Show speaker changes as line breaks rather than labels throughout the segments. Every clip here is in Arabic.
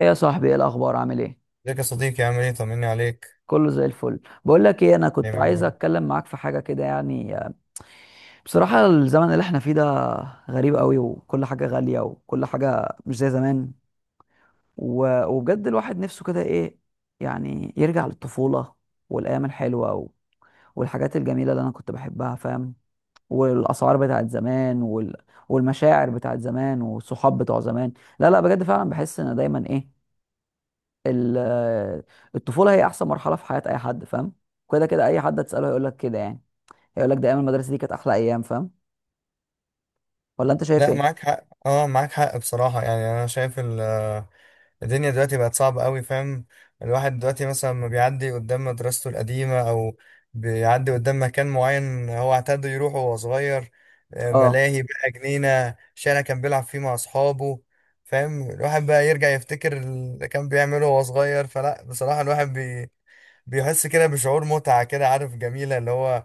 ايه يا صاحبي، ايه الاخبار؟ عامل ايه؟
ازيك يا صديقي، عامل ايه؟ طمني عليك.
كله زي الفل. بقول لك ايه، انا كنت
دايما يا
عايز
رب.
اتكلم معاك في حاجه كده يعني. بصراحه الزمن اللي احنا فيه ده غريب قوي، وكل حاجه غاليه، وكل حاجه مش زي زمان. و- وبجد الواحد نفسه كده ايه يعني، يرجع للطفوله والايام الحلوه والحاجات الجميله اللي انا كنت بحبها، فاهم؟ والاسعار بتاعت زمان والمشاعر بتاعت زمان، والصحاب بتوع زمان. لا لا، بجد فعلا بحس ان دايما ايه، ال- الطفوله هي احسن مرحله في حياه اي حد، فاهم؟ كده كده اي حد هتساله هيقول لك كده يعني. هيقول لك ده ايام المدرسه دي كانت احلى ايام، فاهم؟ ولا انت شايف
لا،
ايه؟
معاك حق، معاك حق، بصراحة يعني انا شايف الدنيا دلوقتي بقت صعبة قوي، فاهم؟ الواحد دلوقتي مثلا ما بيعدي قدام مدرسته القديمة او بيعدي قدام مكان معين هو اعتاد يروحه وهو صغير،
اه،
ملاهي بقى، جنينة، شارع كان بيلعب فيه مع اصحابه، فاهم؟ الواحد بقى يرجع يفتكر اللي كان بيعمله وهو صغير. فلا بصراحة الواحد بيحس كده بشعور متعة كده، عارف، جميلة اللي هو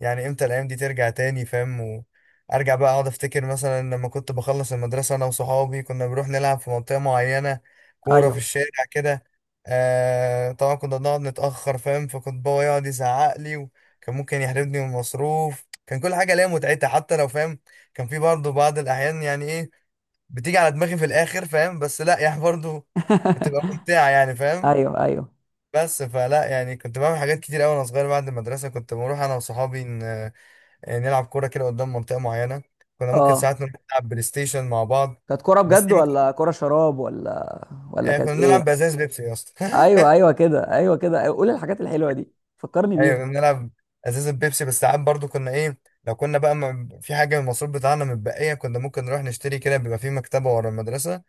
يعني امتى الايام دي ترجع تاني؟ فاهم؟ وارجع بقى اقعد افتكر مثلا لما كنت بخلص المدرسه انا وصحابي كنا بنروح نلعب في منطقه معينه، كوره في
ايوه.
الشارع كده. طبعا كنا بنقعد نتاخر، فاهم؟ فكنت بابا يقعد يزعق لي وكان ممكن يحرمني من المصروف. كان كل حاجه ليها متعتها حتى لو، فاهم؟ كان في برضه بعض الاحيان يعني ايه، بتيجي على دماغي في الاخر، فاهم؟ بس لا يعني برضه بتبقى ممتعه يعني، فاهم؟
ايوه ايوه.
بس فلا يعني كنت بعمل حاجات كتير قوي وانا صغير. بعد المدرسه كنت بروح انا وصحابي نلعب كورة كده قدام منطقة معينة. كنا ممكن
اه،
ساعات نروح نلعب بلاي ستيشن مع بعض.
كانت كوره
بس
بجد
دي ما كن-.
ولا كوره شراب، ولا
كنا
كانت
بنلعب
ايه؟
بأزاز بيبسي يا اسطى.
ايوه ايوه كده، ايوه كده، أيوة. قول الحاجات الحلوه دي، فكرني
ايوه،
بيها.
كنا بنلعب ازاز البيبسي، بس ساعات برضو كنا ايه، لو كنا بقى في حاجه من المصروف بتاعنا متبقيه كنا ممكن نروح نشتري كده، بيبقى في مكتبه ورا المدرسه.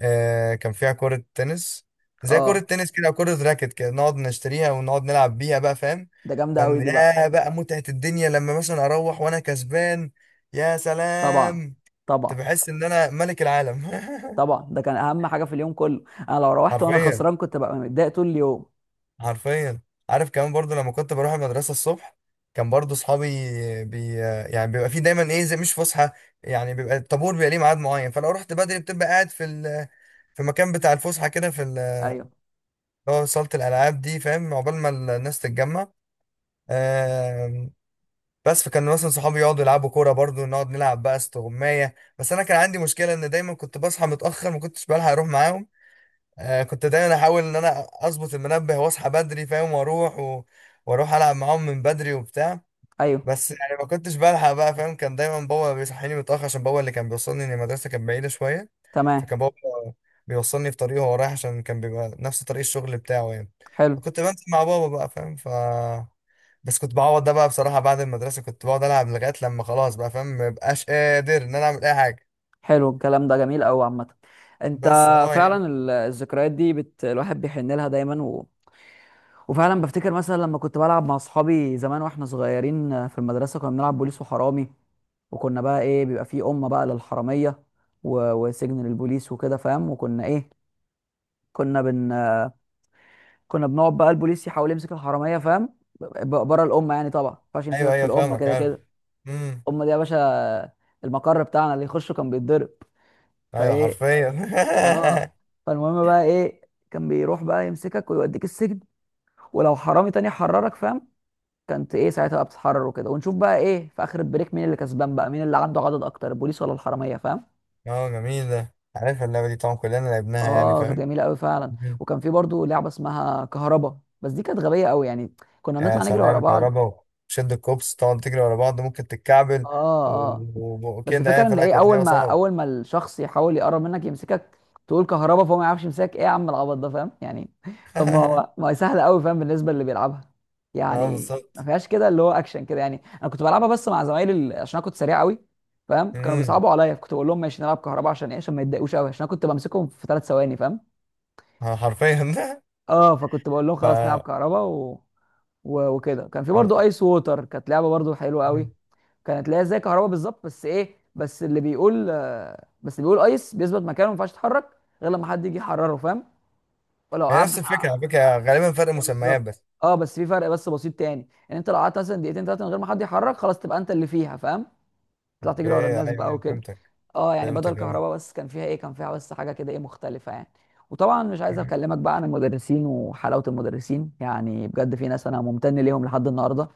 كان فيها كره تنس، زي كره
اه،
تنس كده أو كره راكت كده، نقعد نشتريها ونقعد نلعب بيها بقى، فاهم؟
ده جامده قوي
كان
دي بقى.
يا بقى متعه الدنيا لما مثلا اروح وانا كسبان. يا
طبعا
سلام. كنت
طبعا
بحس ان انا ملك العالم.
طبعا، ده كان اهم حاجه في اليوم كله. انا لو روحت وانا
حرفيا.
خسران كنت بقى متضايق طول اليوم.
حرفيا. عارف، كمان برضو لما كنت بروح المدرسه الصبح، كان برضو اصحابي بي يعني بيبقى في دايما ايه زي مش فسحه. يعني بيبقى الطابور، بيبقى ليه ميعاد معين، فلو رحت بدري بتبقى قاعد في في مكان بتاع الفسحه كده،
ايوه
اللي هو صاله الالعاب دي، فاهم؟ عقبال ما الناس تتجمع. آم، بس فكان مثلا صحابي يقعدوا يلعبوا كوره، برضو نقعد نلعب بقى استغمايه. بس انا كان عندي مشكله ان دايما كنت بصحى متاخر، ما كنتش بلحق اروح معاهم. كنت دايما احاول ان انا اظبط المنبه واصحى بدري، فاهم؟ واروح واروح العب معاهم من بدري وبتاع.
ايوه،
بس يعني ما كنتش بلحق بقى، فاهم؟ كان دايما بابا بيصحيني متاخر عشان بابا اللي كان بيوصلني، إن المدرسه كانت بعيده شويه.
تمام.
فكان بابا بيوصلني في طريقه وهو رايح عشان كان بيبقى نفس طريق الشغل بتاعه يعني.
حلو.
فكنت بنزل مع بابا بقى، فاهم؟ بس كنت بعوض ده بقى بصراحه. بعد المدرسه كنت بقعد العب لغايه لما خلاص بقى، فاهم؟ مبقاش قادر ان انا اعمل اي حاجه.
حلو، الكلام ده جميل قوي عامة. انت
بس يعني.
فعلا الذكريات دي الواحد بيحن لها دايما وفعلا بفتكر مثلا لما كنت بلعب مع اصحابي زمان واحنا صغيرين في المدرسة، كنا بنلعب بوليس وحرامي. وكنا بقى ايه، بيبقى فيه أمة بقى للحرامية وسجن للبوليس وكده، فاهم؟ وكنا ايه، كنا بن كنا بنقعد بقى البوليس يحاول يمسك الحرامية، فاهم؟ بره الأمة يعني، طبعا ما ينفعش
ايوه،
يمسكك في
ايوه،
الأمة،
فاهمك.
كده
عارف.
كده الأمة دي يا باشا المقر بتاعنا اللي يخشه كان بيتضرب.
ايوه،
فايه،
حرفيا.
اه، فالمهم بقى ايه، كان بيروح بقى يمسكك ويوديك السجن، ولو حرامي تاني حررك، فاهم؟ كانت ايه ساعتها بقى بتتحرر وكده، ونشوف بقى ايه في اخر البريك مين اللي كسبان بقى، مين اللي عنده عدد اكتر، البوليس ولا الحراميه، فاهم؟
اه، جميل ده. عارف اللعبه دي؟ طبعا كلنا لعبناها يعني،
اه كانت
فاهم؟
جميله قوي فعلا.
مم.
وكان في برضو لعبه اسمها كهربا، بس دي كانت غبيه قوي يعني. كنا
يا
بنطلع نجري ورا
سلام،
بعض.
كهربا. شد الكوبس، تقعد تجري ورا بعض ممكن تتكعبل،
اه
و-
اه. بس
وكده يعني،
الفكره ان
فلا
ايه،
كانت
اول
لعبه
ما
صعبه.
اول ما الشخص يحاول يقرب منك يمسكك، تقول كهربا، فهو ما يعرفش يمسكك. ايه يا عم العبط ده، فاهم يعني؟ طب، ما هي سهله قوي، فاهم، بالنسبه اللي بيلعبها.
اه،
يعني ما
بالظبط.
فيهاش كده اللي هو اكشن كده، يعني انا كنت بلعبها بس مع زمايلي عشان انا كنت سريع قوي، فاهم؟ فكانوا
امم.
بيصعبوا عليا، فكنت بقول لهم ماشي نلعب كهربا عشان ايه، عشان ما يتضايقوش قوي، عشان انا كنت بمسكهم في 3 ثواني، فاهم؟
حرفيا. ده
اه. فكنت بقول لهم
ف
خلاص نلعب كهربا وكده. كان في برضو
أنا-
ايس ووتر، كانت لعبه برضو حلوه قوي.
مم.
كانت اللي هي زي كهرباء بالظبط، بس ايه، بس اللي بيقول، بس اللي بيقول ايس بيثبت مكانه، ما ينفعش يتحرك غير لما حد يجي يحرره، فاهم؟ ولو
هي
قعد
نفس الفكره،
بتاع
على فكره، غالبا فرق
آه،
مسميات
بالظبط.
بس.
اه، بس في فرق بسيط تاني، ان انت لو قعدت مثلا دقيقتين ثلاثه من غير ما حد يحرك، خلاص تبقى انت اللي فيها، فاهم؟ تطلع
اوكي.
تجري ورا
ايوه،
الناس بقى
أيوة،
وكده.
فهمتك.
اه، يعني بدل
فهمتك، ايوه.
كهرباء بس كان فيها ايه، كان فيها بس حاجه كده ايه مختلفه يعني. وطبعا مش عايز اكلمك بقى عن المدرسين وحلاوه المدرسين، يعني بجد في ناس انا ممتن ليهم لحد النهارده،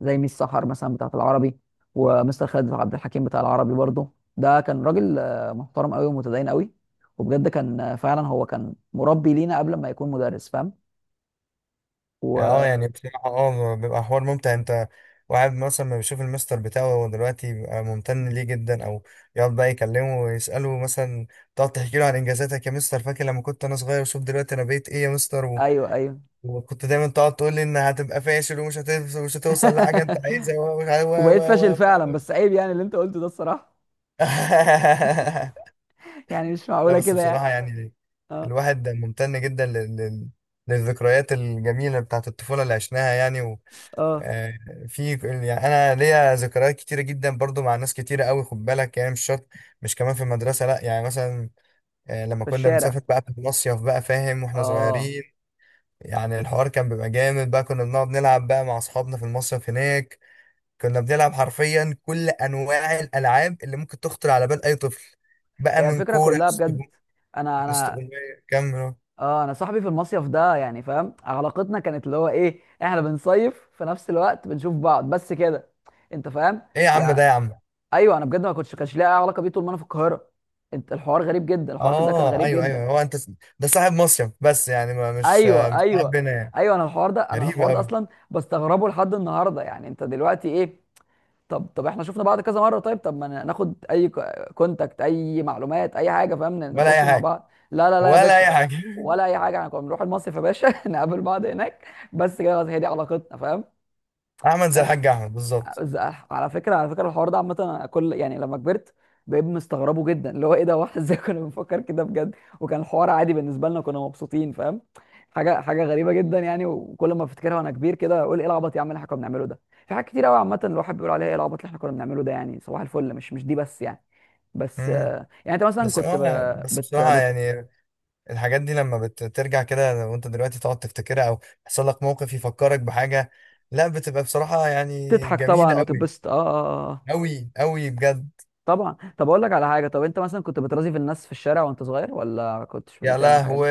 زي ميس سحر مثلا بتاعت العربي، ومستر خالد عبد الحكيم بتاع العربي برضه. ده كان راجل محترم قوي ومتدين قوي، وبجد كان فعلا هو كان مربي لينا قبل ما يكون مدرس، فاهم؟
يعني
وايوه
يعني بصراحة بيبقى حوار ممتع. انت واحد مثلا ما بيشوف المستر بتاعه هو دلوقتي، بيبقى ممتن ليه جدا، او يقعد بقى يكلمه ويسأله مثلا، تقعد تحكي له عن انجازاتك يا مستر، فاكر لما كنت انا صغير؟ وشوف دلوقتي انا بقيت ايه يا مستر،
ايوه ايوه.
وكنت دايما تقعد تقول لي ان هتبقى فاشل ومش هتوصل، مش هتوصل لحاجة انت عايزها
وبقيت
و... و...
فاشل فعلا،
و...
بس عيب يعني اللي انت قلته ده، الصراحه. يعني مش
لا،
معقوله
بس
كده
بصراحة
يعني.
يعني
اه
الواحد ممتن جدا للذكريات الجميلة بتاعت الطفولة اللي عشناها يعني.
اه،
آه، في يعني انا ليا ذكريات كتيره جدا برضو مع ناس كتيره قوي، خد بالك، يعني مش شرط مش كمان في المدرسه، لا يعني مثلا لما
في
كنا
الشارع.
بنسافر بقى في المصيف بقى فاهم واحنا
اه،
صغيرين، يعني الحوار كان بيبقى جامد بقى، كنا بنقعد نلعب بقى مع اصحابنا في المصيف هناك. كنا بنلعب حرفيا كل انواع الالعاب اللي ممكن تخطر على بال اي طفل، بقى
هي
من
الفكره
كوره،
كلها بجد. انا انا
استغماية، كمل.
اه انا صاحبي في المصيف ده، يعني فاهم، علاقتنا كانت اللي هو ايه، احنا بنصيف في نفس الوقت، بنشوف بعض بس كده. انت فاهم
ايه يا عم، ده يا
يعني؟
عم.
ايوه انا بجد ما كنتش كانش ليا اي علاقه بيه طول ما انا في القاهره. انت الحوار غريب جدا، الحوار ده كان
اه،
غريب
ايوه،
جدا.
ايوه، هو انت ده صاحب مصيف بس يعني ما مش
ايوه
مش صاحب
ايوه.
بنا يعني.
ايوه انا
غريب
الحوار ده
قوي.
اصلا بستغربه لحد النهارده، يعني انت دلوقتي ايه؟ طب احنا شفنا بعض كذا مره، طيب، طب ما ناخد اي كونتاكت، اي معلومات، اي حاجه، فاهم،
ولا اي
نتواصل مع
حاجه.
بعض. لا لا لا يا
ولا
باشا،
اي حاجه.
ولا اي حاجه. احنا كنا بنروح المصيف يا باشا نقابل بعض هناك، بس كده خلاص، هي دي علاقتنا، فاهم؟
احمد، زي
كانت
الحاج احمد بالظبط.
ز- على فكره، على فكره الحوار ده عامه، أنا كل يعني لما كبرت بقيت مستغربه جدا، اللي هو ايه ده واحد ازاي كنا بنفكر كده بجد، وكان الحوار عادي بالنسبه لنا، كنا مبسوطين، فاهم؟ حاجه، غريبه جدا يعني، وكل ما افتكرها وانا كبير كده اقول ايه العبط يا عم اللي احنا كنا بنعمله ده. في حاجات كتير قوي عامه الواحد بيقول عليها ايه العبط اللي احنا كنا بنعمله ده، يعني صباح الفل، مش دي بس يعني. بس
امم.
آه، يعني انت مثلا
بس
كنت
هو بس
بت...
بصراحه
بت...
يعني الحاجات دي لما بترجع كده وانت دلوقتي تقعد تفتكرها، او يحصل لك موقف يفكرك بحاجه، لا بتبقى بصراحه يعني
تضحك
جميله
طبعا
قوي،
وتتبسط. اه اه، آه.
قوي قوي، بجد.
طبعا. طب اقول لك على حاجه، طب انت مثلا كنت بترازي في الناس في الشارع وانت صغير، ولا كنتش
يا
بتعمل الحاجات دي؟
لهوي.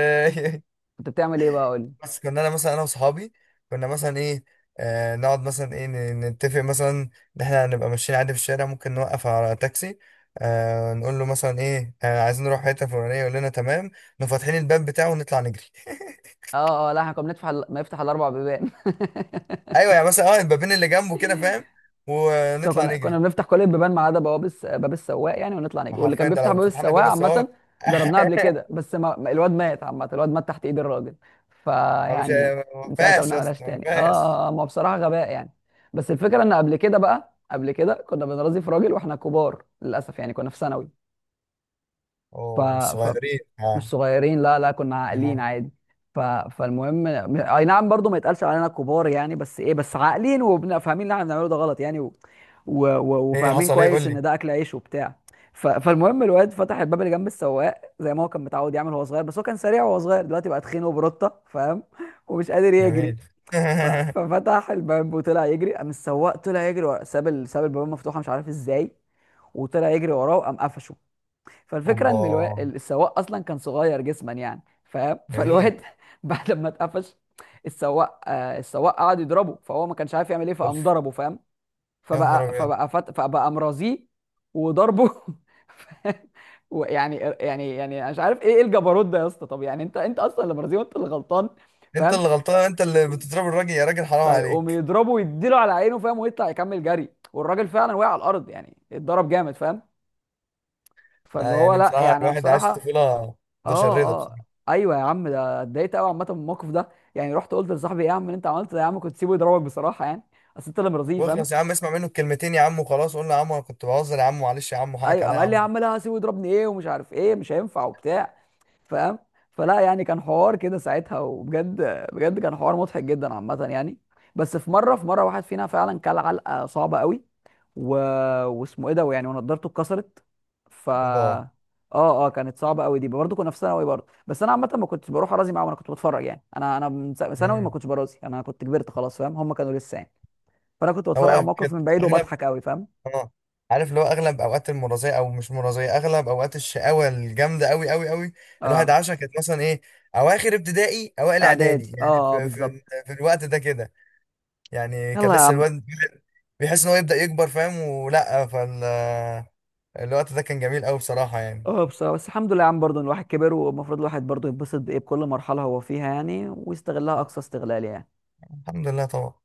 كنت بتعمل ايه بقى، قول لي.
بس كنا انا مثلا، انا واصحابي كنا مثلا ايه، نقعد مثلا ايه نتفق مثلا ان احنا هنبقى ماشيين عادي في الشارع، ممكن نوقف على تاكسي، نقول له مثلا ايه، عايزين نروح حته فلانيه، يقول لنا تمام، نقوم فاتحين الباب بتاعه ونطلع نجري.
اه اه، لا، احنا كنا بنفتح ما يفتح ال 4 بيبان.
ايوه، يعني مثلا البابين اللي جنبه كده، فاهم؟
بس
ونطلع
كنا
نجري.
بنفتح كل البيبان ما عدا باب السواق يعني، ونطلع نجري،
ما
واللي كان
حرفيا ده
بيفتح
لو
باب
فتحنا
السواق
باب
عامه،
السواق.
جربناها قبل كده، بس ما... ما- الواد مات عامه، الواد مات تحت ايد الراجل،
هو مش
فيعني من
ما
ساعتها ما
فيهاش يا
بنعملهاش
اسطى، ما
تاني. اه
فيهاش.
اه، ما هو بصراحه غباء يعني. بس الفكره ان قبل كده كنا بنرازي في راجل واحنا كبار، للاسف يعني كنا في ثانوي. ف...
اوه،
ف
صغيرين،
مش
اه.
صغيرين، لا لا، كنا عاقلين
آه.
عادي. ف... فالمهم اي نعم، برضو ما يتقالش علينا كبار يعني، بس ايه، بس عاقلين وفاهمين اللي احنا بنعمله ده غلط يعني،
ايه؟
وفاهمين
حصل ايه؟ قول
كويس
لي.
ان ده اكل عيش وبتاع. فالمهم الواد فتح الباب اللي جنب السواق زي ما هو كان متعود يعمل وهو صغير، بس هو كان سريع وهو صغير، دلوقتي بقى تخين وبروتة، فاهم، ومش قادر يجري.
جميل.
ففتح الباب وطلع يجري، قام السواق طلع يجري ساب ساب الباب مفتوحة مش عارف ازاي، وطلع يجري وراه، وقام قفشه. فالفكره
اوبا.
ان السواق اصلا كان صغير جسما يعني، فاهم،
جميل.
فالواد بعد ما اتقفش السواق، السواق قعد يضربه، فهو ما كانش عارف يعمل ايه، فقام
اوف.
ضربه، فاهم؟
يا نهار ابيض.
فبقى مرازيه وضربه. فاهم؟ ويعني يعني يعني أنا مش عارف إيه الجبروت ده يا اسطى، طب يعني انت اصلا اللي مرازيه وانت اللي غلطان،
انت
فاهم؟
اللي غلطان، انت اللي بتضرب الراجل، يا راجل حرام
فيقوم
عليك.
يضربه ويديله على عينه، فاهم، ويطلع يكمل جري، والراجل فعلا وقع على الارض، يعني اتضرب جامد، فاهم؟ فاللي
لا
هو
يعني
لا
بصراحه
يعني انا
الواحد عايش
بصراحه،
طفوله متشرده
اه اه،
بصراحه.
ايوه يا عم ده اتضايقت قوي عامه من الموقف ده، يعني رحت قلت لصاحبي ايه يا عم اللي انت عملته ده يا عم، كنت سيبه يضربك بصراحه يعني، اصل انت اللي مرضيه، فاهم؟
واخلص يا عم، اسمع منه الكلمتين يا عم وخلاص، قول له يا عم انا كنت بهزر يا عم، معلش يا عم، حقك
ايوه
عليا
قام
يا
قال لي يا
عم.
عم لا، سيبه يضربني، ايه ومش عارف ايه، مش هينفع وبتاع، فاهم؟ فلا يعني كان حوار كده ساعتها، وبجد بجد كان حوار مضحك جدا عامه يعني. بس في مره واحد فينا فعلا كل علقه صعبه قوي، و... واسمه ايه ده، ويعني ونضارته اتكسرت.
اوبا.
اه، اه كانت صعبه قوي دي برضه، كنا في ثانوي برضه، بس انا عامه ما كنتش بروح ارازي معاهم، انا كنت بتفرج يعني، انا من ثانوي ما
امم.
كنتش برازي، انا كنت كبرت خلاص، فاهم، هم كانوا لسه يعني. فانا كنت بتفرج على
هو
الموقف
كانت
من بعيد
اغلب.
وبضحك قوي، فاهم؟
اه. عارف، اللي هو اغلب اوقات المرضيه او مش مرضيه، اغلب اوقات الشقاوه الجامده قوي قوي قوي، الواحد
اه،
عاشها، كانت مثلا ايه، اواخر ابتدائي، اوائل
اعدادي،
اعدادي يعني
اه اه
في, في,
بالظبط.
في الوقت ده كده. يعني كان
يلا يا
لسه
عم.
الواد بيحس ان هو يبدأ يكبر، فاهم؟ ولا الوقت ده كان جميل قوي بصراحة يعني.
اه بصراحه، بس الحمد لله يا عم برضه إن الواحد كبر، والمفروض الواحد برضه يتبسط بايه، بكل مرحله هو فيها يعني، ويستغلها اقصى استغلال يعني.
الحمد لله طبعا.